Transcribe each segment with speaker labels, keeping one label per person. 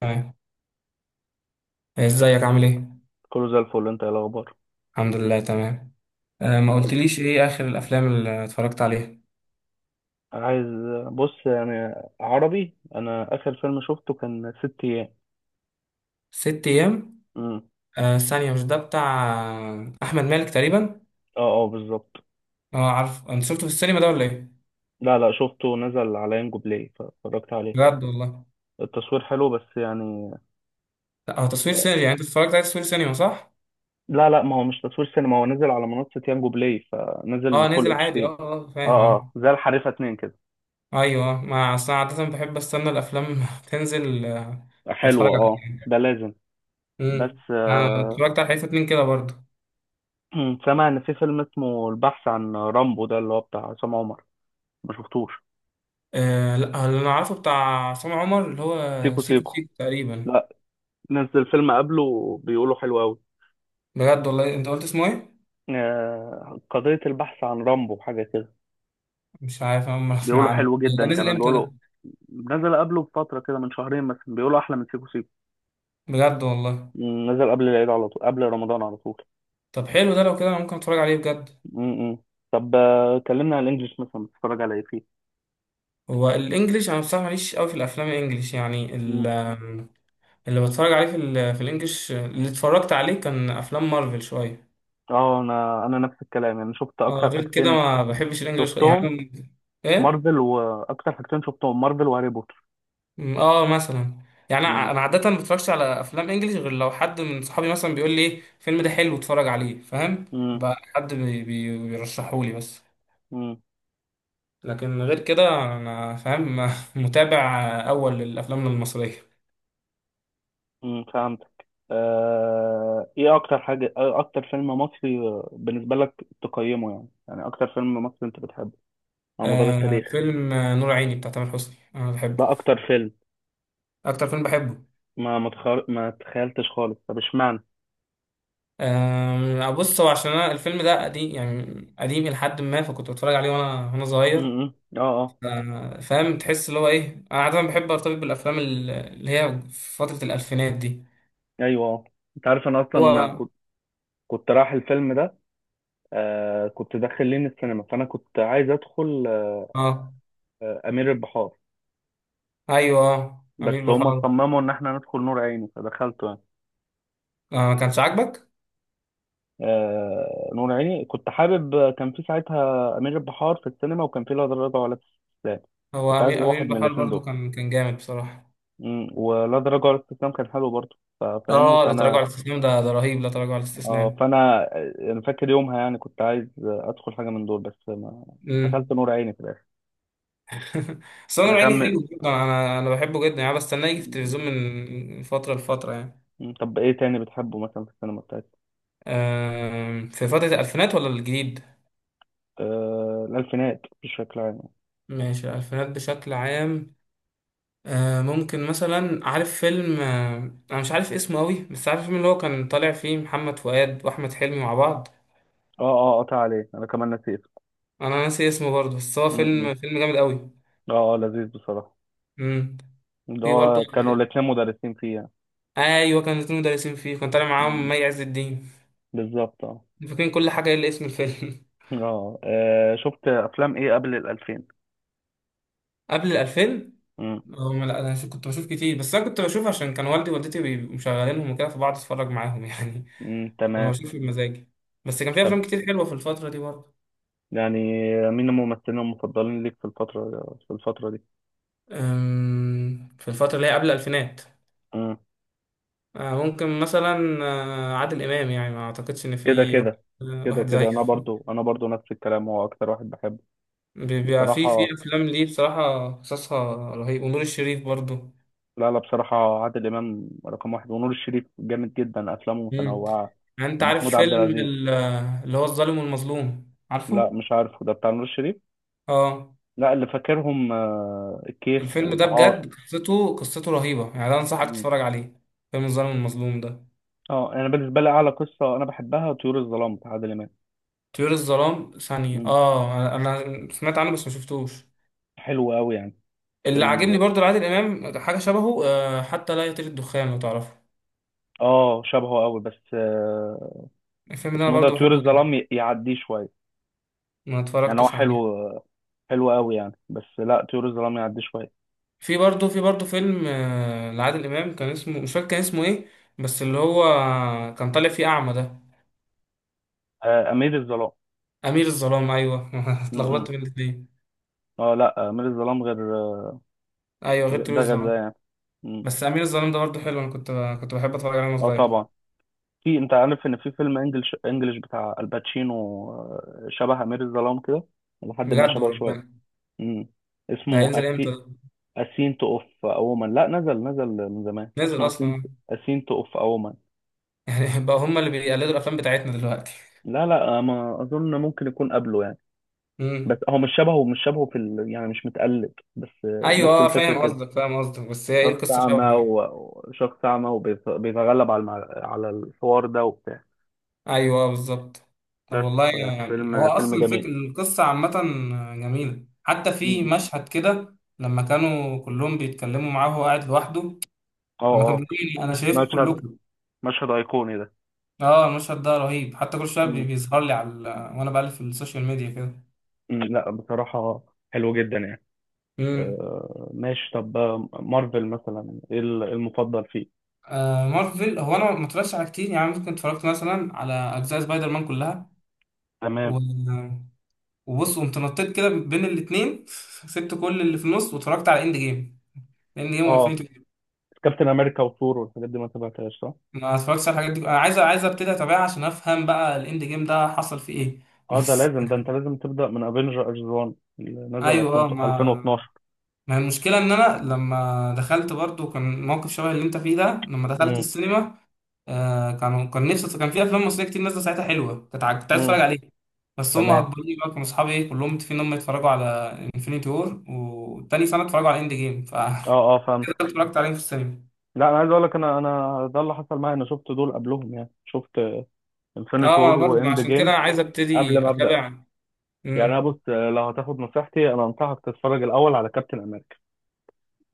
Speaker 1: تمام. ازيك، عامل ايه؟
Speaker 2: كله زي الفل، انت ايه الاخبار؟
Speaker 1: الحمد لله، تمام. آه، ما قلتليش ايه اخر الافلام اللي اتفرجت عليها.
Speaker 2: عايز بص يعني، عربي، انا اخر فيلم شفته كان ست ايام.
Speaker 1: ست ايام.
Speaker 2: امم.
Speaker 1: آه، ثانية، مش ده بتاع احمد مالك تقريبا؟
Speaker 2: اه، اه، بالظبط.
Speaker 1: اه، عارف، انت شفته في السينما ده ولا ايه؟
Speaker 2: لا، لا، شفته نزل على ينجو بلاي فاتفرجت عليه.
Speaker 1: بجد والله؟
Speaker 2: التصوير حلو، بس يعني.
Speaker 1: لا، هو تصوير سينما، يعني انت اتفرجت عليه تصوير سينما، صح؟
Speaker 2: لا، لا، ما هو مش تصوير سينما، هو نزل على منصة يانجو بلاي فنزل
Speaker 1: اه،
Speaker 2: فول
Speaker 1: نزل
Speaker 2: اتش دي.
Speaker 1: عادي. اه، اه،
Speaker 2: اه،
Speaker 1: فاهم.
Speaker 2: اه، زي الحريفة 2 كده.
Speaker 1: اه، ايوه، آه. ما اصل أنا عادة بحب استنى الافلام تنزل، واتفرج
Speaker 2: حلوة، اه،
Speaker 1: عليها.
Speaker 2: ده لازم. بس
Speaker 1: امم. انا
Speaker 2: آه.
Speaker 1: اتفرجت على حته اتنين كده برضه.
Speaker 2: سامع ان في فيلم اسمه البحث عن رامبو، ده اللي هو بتاع عصام عمر. ما شفتوش.
Speaker 1: آه، لا، اللي انا عارفه بتاع عصام عمر اللي هو
Speaker 2: سيكو
Speaker 1: سيكو
Speaker 2: سيكو،
Speaker 1: سيكو تقريبا.
Speaker 2: لا. نزل فيلم قبله، بيقولوا حلو قوي.
Speaker 1: بجد والله؟ انت قلت اسمه ايه؟
Speaker 2: قضية البحث عن رامبو حاجة كده.
Speaker 1: مش عارف، انا ما اسمع
Speaker 2: بيقولوا
Speaker 1: عنه.
Speaker 2: حلو
Speaker 1: ده
Speaker 2: جدا،
Speaker 1: نزل
Speaker 2: كمان
Speaker 1: امتى
Speaker 2: بيقولوا.
Speaker 1: ده؟
Speaker 2: نزل قبله بفترة كده، من شهرين مثلا، بيقولوا أحلى من سيكو سيكو.
Speaker 1: بجد والله؟
Speaker 2: نزل قبل العيد على طول، قبل رمضان على طول.
Speaker 1: طب حلو، ده لو كده انا ممكن اتفرج عليه بجد.
Speaker 2: م-م. طب، كلمنا على الإنجليش مثلا، بتتفرج على إيه فيه؟
Speaker 1: هو الانجليش، انا بصراحه ماليش قوي في الافلام الانجليش، يعني
Speaker 2: م.
Speaker 1: اللي بتفرج عليه في الانجليش اللي اتفرجت عليه كان افلام مارفل شويه.
Speaker 2: اه، أنا نفس الكلام، يعني شفت
Speaker 1: اه،
Speaker 2: أكتر
Speaker 1: غير كده
Speaker 2: حاجتين
Speaker 1: ما بحبش الانجليش
Speaker 2: شفتهم
Speaker 1: يعني. ايه؟
Speaker 2: مارفل، وأكتر حاجتين شفتهم مارفل وهاري بوتر.
Speaker 1: اه، مثلا. يعني
Speaker 2: م.
Speaker 1: انا عاده ما بتفرجش على افلام انجليش غير لو حد من صحابي مثلا بيقول لي، ايه الفيلم ده حلو اتفرج عليه، فاهم.
Speaker 2: م.
Speaker 1: بقى حد بيرشحهولي بس.
Speaker 2: م.
Speaker 1: لكن غير كده، انا فاهم متابع اول للافلام المصريه.
Speaker 2: فهمتك. ايه اكتر حاجة، اكتر فيلم مصري، بالنسبة لك تقيمه يعني اكتر فيلم مصري انت بتحبه على مدار
Speaker 1: آه،
Speaker 2: التاريخ؟
Speaker 1: فيلم نور عيني بتاع تامر حسني انا بحبه.
Speaker 2: ده اكتر فيلم.
Speaker 1: اكتر فيلم بحبه.
Speaker 2: ما تخيلتش خالص، طب اشمعنى؟
Speaker 1: آه، بص، هو عشان انا الفيلم ده قديم، يعني قديم لحد ما فكنت بتفرج عليه وانا صغير.
Speaker 2: امم، اه، اه،
Speaker 1: آه، فاهم، تحس اللي هو ايه، انا عاده بحب ارتبط بالافلام اللي هي في فتره الالفينات دي.
Speaker 2: ايوه، اه. انت عارف انا اصلا
Speaker 1: هو.
Speaker 2: كنت رايح الفيلم ده. كنت داخلين السينما، فانا كنت عايز ادخل.
Speaker 1: اه،
Speaker 2: امير البحار.
Speaker 1: ايوه،
Speaker 2: بس
Speaker 1: امير
Speaker 2: هما
Speaker 1: بحار.
Speaker 2: صمموا ان احنا ندخل نور عيني فدخلته يعني.
Speaker 1: آه، ما كانش عاجبك.
Speaker 2: نور عيني كنت حابب، كان في ساعتها أمير البحار في السينما، وكان في لا تراجع ولا استسلام.
Speaker 1: هو
Speaker 2: كنت عايز
Speaker 1: امير
Speaker 2: واحد من
Speaker 1: بحار
Speaker 2: الاثنين
Speaker 1: برضو
Speaker 2: دول.
Speaker 1: كان جامد بصراحه.
Speaker 2: ولا تراجع ولا استسلام كان حلو برضه، فاهمني.
Speaker 1: اه، لا تراجع
Speaker 2: فأنا.
Speaker 1: على الاستسلام، ده رهيب، لا تراجع على
Speaker 2: اه،
Speaker 1: الاستسلام.
Speaker 2: فأنا أنا فاكر يومها، يعني كنت عايز أدخل حاجة من دول بس ما. دخلت
Speaker 1: امم.
Speaker 2: نور عيني في الآخر.
Speaker 1: سمير عيني
Speaker 2: عشان.
Speaker 1: حلو جدا، انا بحبه جدا، يعني بستناه يجي في
Speaker 2: م-.
Speaker 1: التلفزيون من فتره لفتره يعني.
Speaker 2: طب إيه تاني بتحبه مثلا في السينما بتاعتك؟
Speaker 1: في فتره الالفينات ولا الجديد؟
Speaker 2: الألفينات بشكل عام.
Speaker 1: ماشي، الالفينات بشكل عام. ممكن مثلا، عارف فيلم، انا مش عارف اسمه قوي، بس عارف الفيلم اللي هو كان طالع فيه محمد فؤاد واحمد حلمي مع بعض.
Speaker 2: اه، اه، قطع عليه، أنا كمان نسيت.
Speaker 1: انا ناسي اسمه برضه، بس هو
Speaker 2: مم،
Speaker 1: فيلم
Speaker 2: مم.
Speaker 1: فيلم جامد قوي.
Speaker 2: اه، اه، لذيذ بصراحة.
Speaker 1: امم.
Speaker 2: ده
Speaker 1: في برضه.
Speaker 2: هو كانوا الاتنين مدرسين فيه يعني.
Speaker 1: آه، ايوه، كان الاتنين مدرسين فيه، كان طالع معاهم
Speaker 2: مم.
Speaker 1: مي عز الدين.
Speaker 2: بالظبط، اه،
Speaker 1: فاكرين كل حاجة إلا اسم الفيلم.
Speaker 2: اه. شفت افلام ايه قبل الالفين؟
Speaker 1: قبل الألفين.
Speaker 2: مم.
Speaker 1: لا، أنا كنت بشوف كتير، بس أنا كنت بشوف عشان كان والدي ووالدتي بيبقوا مشغلينهم وكده، فبقعد أتفرج معاهم يعني.
Speaker 2: مم.
Speaker 1: كنت
Speaker 2: تمام.
Speaker 1: بشوف بمزاجي. بس كان في
Speaker 2: طب،
Speaker 1: أفلام كتير حلوة في الفترة دي برضه.
Speaker 2: يعني مين الممثلين المفضلين ليك في الفترة دي؟
Speaker 1: في الفترة اللي هي قبل الألفينات.
Speaker 2: مم.
Speaker 1: ممكن مثلا عادل إمام، يعني ما أعتقدش إن
Speaker 2: كده
Speaker 1: في واحد،
Speaker 2: كده كده
Speaker 1: واحد
Speaker 2: كده،
Speaker 1: زيه
Speaker 2: انا برضو انا برضو نفس الكلام، هو اكتر واحد بحبه.
Speaker 1: بيبقى في
Speaker 2: بصراحة.
Speaker 1: أفلام ليه بصراحة قصصها رهيب، ونور الشريف برضه.
Speaker 2: لا، لا، بصراحة عادل امام رقم واحد، ونور الشريف جامد جدا افلامه
Speaker 1: مم.
Speaker 2: متنوعة.
Speaker 1: يعني أنت عارف
Speaker 2: ومحمود عبد
Speaker 1: فيلم
Speaker 2: العزيز.
Speaker 1: اللي هو الظالم والمظلوم،
Speaker 2: لا،
Speaker 1: عارفه؟
Speaker 2: مش عارفه، ده بتاع نور الشريف.
Speaker 1: اه،
Speaker 2: لا، اللي فاكرهم الكيف
Speaker 1: الفيلم ده
Speaker 2: والعار.
Speaker 1: بجد قصته رهيبة يعني، ده انصحك تتفرج عليه، فيلم الظالم المظلوم ده.
Speaker 2: اه، انا بالنسبه لي اعلى قصه انا بحبها طيور الظلام بتاع عادل امام.
Speaker 1: طيور الظلام ثانية،
Speaker 2: مم.
Speaker 1: اه، انا سمعت عنه بس ما شفتوش.
Speaker 2: حلو قوي يعني.
Speaker 1: اللي
Speaker 2: فيلم
Speaker 1: عاجبني
Speaker 2: ده.
Speaker 1: برضو لعادل امام حاجة شبهه، حتى لا يطير الدخان، لو تعرفه.
Speaker 2: اه، شبهه قوي، بس.
Speaker 1: الفيلم ده انا
Speaker 2: اسمه ده
Speaker 1: برضو
Speaker 2: طيور
Speaker 1: بحبه جدا.
Speaker 2: الظلام، يعديه شويه.
Speaker 1: ما
Speaker 2: يعني هو
Speaker 1: اتفرجتش
Speaker 2: حلو.
Speaker 1: عليه.
Speaker 2: حلو قوي يعني، بس لا، طيور الظلام يعديه شويه.
Speaker 1: في برضو فيلم لعادل امام، كان اسمه، مش فاكر كان اسمه ايه، بس اللي هو كان طالع فيه اعمى ده.
Speaker 2: امير الظلام.
Speaker 1: امير الظلام، ايوه.
Speaker 2: م-
Speaker 1: اتلخبطت
Speaker 2: م.
Speaker 1: بين الاتنين.
Speaker 2: اه، لا، امير الظلام غير
Speaker 1: ايوه، غير طيور
Speaker 2: ده غير ده
Speaker 1: الظلام.
Speaker 2: يعني. م.
Speaker 1: بس امير الظلام ده برضه حلو، انا كنت بحب اتفرج عليه وانا
Speaker 2: اه،
Speaker 1: صغير.
Speaker 2: طبعا. في، انت عارف ان في فيلم انجلش بتاع الباتشينو. شبه امير الظلام كده، لحد ما
Speaker 1: بجد
Speaker 2: شبهه شويه.
Speaker 1: وربنا؟
Speaker 2: م.
Speaker 1: ده
Speaker 2: اسمه.
Speaker 1: هينزل امتى ده؟
Speaker 2: اسينت اوف اوما، لا، نزل من زمان،
Speaker 1: نزل
Speaker 2: اسمه اسينت
Speaker 1: اصلا؟
Speaker 2: اسينت اوف اوما.
Speaker 1: يعني بقى هم اللي بيقلدوا الافلام بتاعتنا دلوقتي.
Speaker 2: لا، لا، ما اظن، ممكن يكون قبله يعني. بس
Speaker 1: امم.
Speaker 2: هو مش شبهه يعني مش متقلد بس.
Speaker 1: ايوه،
Speaker 2: نفس
Speaker 1: اه،
Speaker 2: الفكره
Speaker 1: فاهم
Speaker 2: كده.
Speaker 1: قصدك، فاهم قصدك، بس هي ايه
Speaker 2: شخص
Speaker 1: القصه،
Speaker 2: اعمى
Speaker 1: شبه إيه؟
Speaker 2: وشخص اعمى وبيتغلب على الحوار ده وبتاع.
Speaker 1: ايوه، بالظبط. طب
Speaker 2: بس.
Speaker 1: والله، يعني هو
Speaker 2: فيلم
Speaker 1: اصلا الفكر
Speaker 2: جميل.
Speaker 1: القصه عامه. جميله، حتى في
Speaker 2: مم.
Speaker 1: مشهد كده لما كانوا كلهم بيتكلموا معاه وهو قاعد لوحده.
Speaker 2: اه.
Speaker 1: لما كان
Speaker 2: اه
Speaker 1: بيقول لي، انا شايفكم
Speaker 2: مشهد
Speaker 1: كلكم.
Speaker 2: مشهد ايقوني ده.
Speaker 1: اه، المشهد ده رهيب، حتى كل شويه
Speaker 2: مم.
Speaker 1: بيظهر لي على، وانا بقلب في السوشيال ميديا كده.
Speaker 2: مم. لا، بصراحه حلو جدا يعني.
Speaker 1: امم.
Speaker 2: ماشي، طب مارفل مثلا ايه المفضل فيه؟
Speaker 1: آه، مارفل، هو انا ما اتفرجتش على كتير، يعني ممكن اتفرجت مثلا على اجزاء سبايدر مان كلها. و...
Speaker 2: تمام.
Speaker 1: وبص، قمت نطيت كده بين الاثنين، سبت كل اللي في النص واتفرجت على اند جيم. اند جيم
Speaker 2: اه،
Speaker 1: وانفينيتي جيم.
Speaker 2: كابتن امريكا وثور والحاجات دي ما تابعتهاش، صح؟
Speaker 1: ما اتفرجتش على الحاجات دي، انا عايز ابتدي اتابعها عشان افهم بقى الاند جيم ده حصل فيه ايه.
Speaker 2: اه، ده
Speaker 1: بس.
Speaker 2: لازم، ده انت لازم تبدا من افنجرز 1، اللي نزل
Speaker 1: ايوه،
Speaker 2: 2000،
Speaker 1: اه، ما
Speaker 2: 2012.
Speaker 1: ما المشكله ان انا لما دخلت برضو كان موقف شبه اللي انت فيه ده، لما دخلت
Speaker 2: امم،
Speaker 1: السينما. آه، كان نفسي، كان في افلام مصريه كتير نازله ساعتها حلوه، كنت عايز اتفرج
Speaker 2: امم،
Speaker 1: عليها. بس هم
Speaker 2: تمام.
Speaker 1: اجبروني بقى، كانوا اصحابي ايه كلهم متفقين ان هم يتفرجوا على انفينيتي وور، وتاني سنه اتفرجوا على اند جيم، ف
Speaker 2: اه، اه، فهمت.
Speaker 1: كده اتفرجت عليهم في السينما.
Speaker 2: لا، انا عايز اقول لك، انا ده اللي حصل معايا، انا شفت دول قبلهم، يعني شفت انفينيتي
Speaker 1: اه، انا
Speaker 2: وور
Speaker 1: برضه
Speaker 2: واند
Speaker 1: عشان كده
Speaker 2: جيم
Speaker 1: عايز
Speaker 2: قبل
Speaker 1: ابتدي
Speaker 2: ما ابدا.
Speaker 1: اتابع.
Speaker 2: يعني انا
Speaker 1: امم.
Speaker 2: بص، لو هتاخد نصيحتي، انا انصحك تتفرج الاول على كابتن امريكا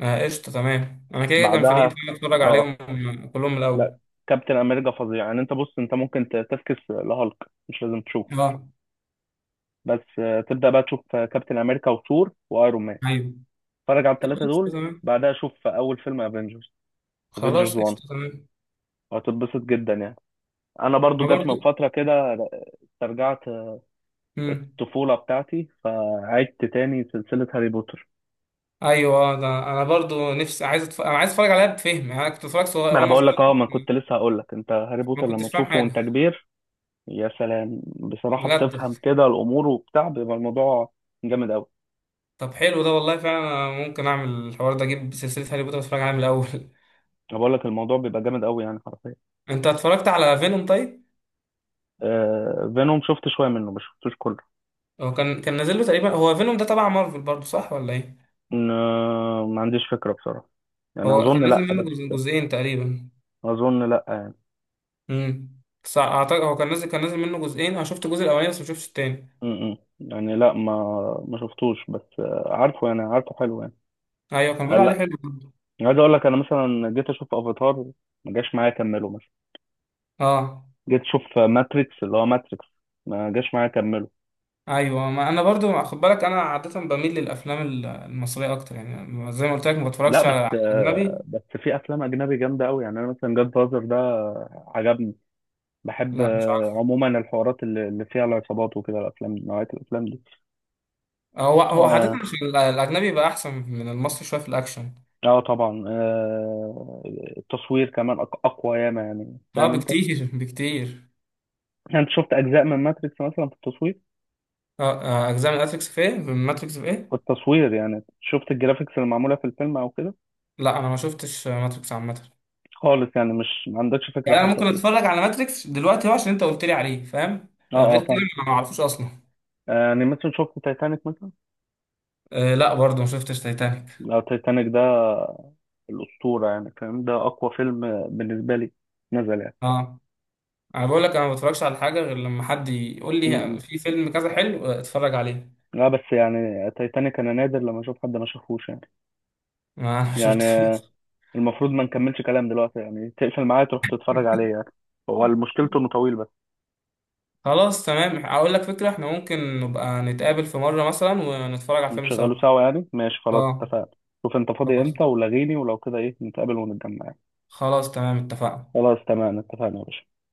Speaker 1: آه، قشطه، تمام، انا كده كده كان في نيتي
Speaker 2: بعدها.
Speaker 1: ان أنا اتفرج
Speaker 2: اه،
Speaker 1: عليهم كلهم من الاول.
Speaker 2: لا، كابتن امريكا فظيع يعني، انت بص، انت ممكن تفكس لهالك، مش لازم تشوف.
Speaker 1: اه،
Speaker 2: بس تبدأ بقى تشوف كابتن أمريكا وثور وأيرون مان.
Speaker 1: ايوه،
Speaker 2: اتفرج على الثلاثة
Speaker 1: قشطه
Speaker 2: دول.
Speaker 1: تمام،
Speaker 2: بعدها شوف أول فيلم افنجرز،
Speaker 1: خلاص
Speaker 2: افنجرز 1،
Speaker 1: قشطه تمام،
Speaker 2: وهتتبسط جدا يعني. أنا برضو
Speaker 1: انا
Speaker 2: جت من
Speaker 1: برضه.
Speaker 2: فترة كده، استرجعت
Speaker 1: امم.
Speaker 2: الطفولة بتاعتي، فعدت تاني سلسلة هاري بوتر.
Speaker 1: ايوه، ده انا برضو نفسي عايز انا عايز اتفرج عليها بفهم، يعني انا كنت اتفرج صغير
Speaker 2: ما أنا
Speaker 1: وانا
Speaker 2: بقول لك،
Speaker 1: صغير،
Speaker 2: ما كنت لسه هقول لك، أنت هاري
Speaker 1: ما
Speaker 2: بوتر
Speaker 1: كنتش
Speaker 2: لما
Speaker 1: فاهم
Speaker 2: تشوفه
Speaker 1: حاجه.
Speaker 2: وأنت كبير. يا سلام، بصراحة
Speaker 1: بجد.
Speaker 2: بتفهم كده الأمور وبتاع، بيبقى الموضوع جامد أوي.
Speaker 1: طب حلو ده والله، فعلا أنا ممكن اعمل الحوار ده، اجيب سلسله هاري بوتر اتفرج عليها من الاول
Speaker 2: أنا بقول لك، الموضوع بيبقى جامد أوي يعني حرفيا.
Speaker 1: انت اتفرجت على فينوم طيب؟
Speaker 2: فينوم شفت شوية منه، مش شفتوش كله.
Speaker 1: هو كان نازل له تقريبا، هو فينوم ده تبع مارفل برضو، صح ولا ايه؟
Speaker 2: ما ما عنديش فكرة بصراحة. يعني
Speaker 1: هو كان
Speaker 2: أظن
Speaker 1: نازل
Speaker 2: لأ،
Speaker 1: منه
Speaker 2: بس.
Speaker 1: جزئين تقريبا.
Speaker 2: أظن لأ يعني.
Speaker 1: امم. صح، اعتقد هو كان نازل منه جزئين، انا شفت الجزء الاولاني بس ما شفتش التاني.
Speaker 2: م -م. يعني لأ، ما ما شفتوش، بس عارفه يعني، عارفه حلو يعني.
Speaker 1: ايوه، كان بيقولوا عليه
Speaker 2: لأ.
Speaker 1: حلو برضو.
Speaker 2: عايز أقول لك، أنا مثلا جيت أشوف أفاتار، ما جاش معايا أكمله مثلا.
Speaker 1: اه،
Speaker 2: جيت أشوف ماتريكس، اللي هو ماتريكس، ما جاش معايا أكمله.
Speaker 1: ايوه، ما انا برضو خد بالك، انا عاده بميل للافلام المصريه اكتر، يعني زي ما قلت لك ما
Speaker 2: لأ،
Speaker 1: بتفرجش
Speaker 2: بس
Speaker 1: على اجنبي.
Speaker 2: بس في أفلام أجنبي جامدة أوي يعني، أنا مثلا جاد فازر ده عجبني. بحب
Speaker 1: لا، مش عارف.
Speaker 2: عموما الحوارات اللي فيها العصابات وكده، الأفلام نوعية الأفلام دي.
Speaker 1: هو عاده
Speaker 2: آه،
Speaker 1: مش الاجنبي بقى احسن من المصري شويه في الاكشن.
Speaker 2: اه، طبعا التصوير كمان اقوى ياما، يعني
Speaker 1: اه،
Speaker 2: فاهم انت.
Speaker 1: بكتير بكتير.
Speaker 2: يعني انت شفت اجزاء من ماتريكس مثلا، في التصوير؟
Speaker 1: اه، اجزاء من ماتريكس في ايه؟ من ماتريكس في ايه؟
Speaker 2: في التصوير، يعني شفت الجرافيكس اللي معموله في الفيلم او كده؟
Speaker 1: لا، انا ما شفتش ماتريكس عامه.
Speaker 2: خالص يعني، مش ما عندكش فكره
Speaker 1: يعني انا
Speaker 2: حتى
Speaker 1: ممكن
Speaker 2: فيه.
Speaker 1: اتفرج على ماتريكس دلوقتي هو عشان انت قلت لي عليه، فاهم.
Speaker 2: اه، اه،
Speaker 1: غير كده،
Speaker 2: فاهم.
Speaker 1: ما اعرفوش اصلا.
Speaker 2: يعني مثلا شفت تايتانيك مثلا؟
Speaker 1: آه، لا، برضو ما شفتش تايتانيك.
Speaker 2: لو تايتانيك ده، الاسطوره يعني، فاهم، ده اقوى فيلم بالنسبه لي، نزل يعني.
Speaker 1: اه، انا بقول لك انا ما بتفرجش على حاجه غير لما حد يقول
Speaker 2: م-
Speaker 1: لي،
Speaker 2: م.
Speaker 1: في فيلم كذا حلو، اتفرج عليه.
Speaker 2: لا، بس يعني تايتانيك انا نادر لما اشوف حد ما شافوش يعني.
Speaker 1: ما انا شفت
Speaker 2: يعني المفروض ما نكملش كلام دلوقتي، يعني تقفل معايا تروح تتفرج عليه يعني. هو مشكلته انه طويل بس.
Speaker 1: خلاص تمام، اقول لك فكره، احنا ممكن نبقى نتقابل في مره مثلا ونتفرج على فيلم سوا.
Speaker 2: نشغله سوا يعني، ماشي، خلاص
Speaker 1: اه.
Speaker 2: اتفقنا. شوف انت فاضي
Speaker 1: خلاص،
Speaker 2: امتى ولغيني، ولو كده ايه نتقابل ونتجمع يعني.
Speaker 1: خلاص تمام، اتفقنا.
Speaker 2: خلاص تمام، اتفقنا يا باشا.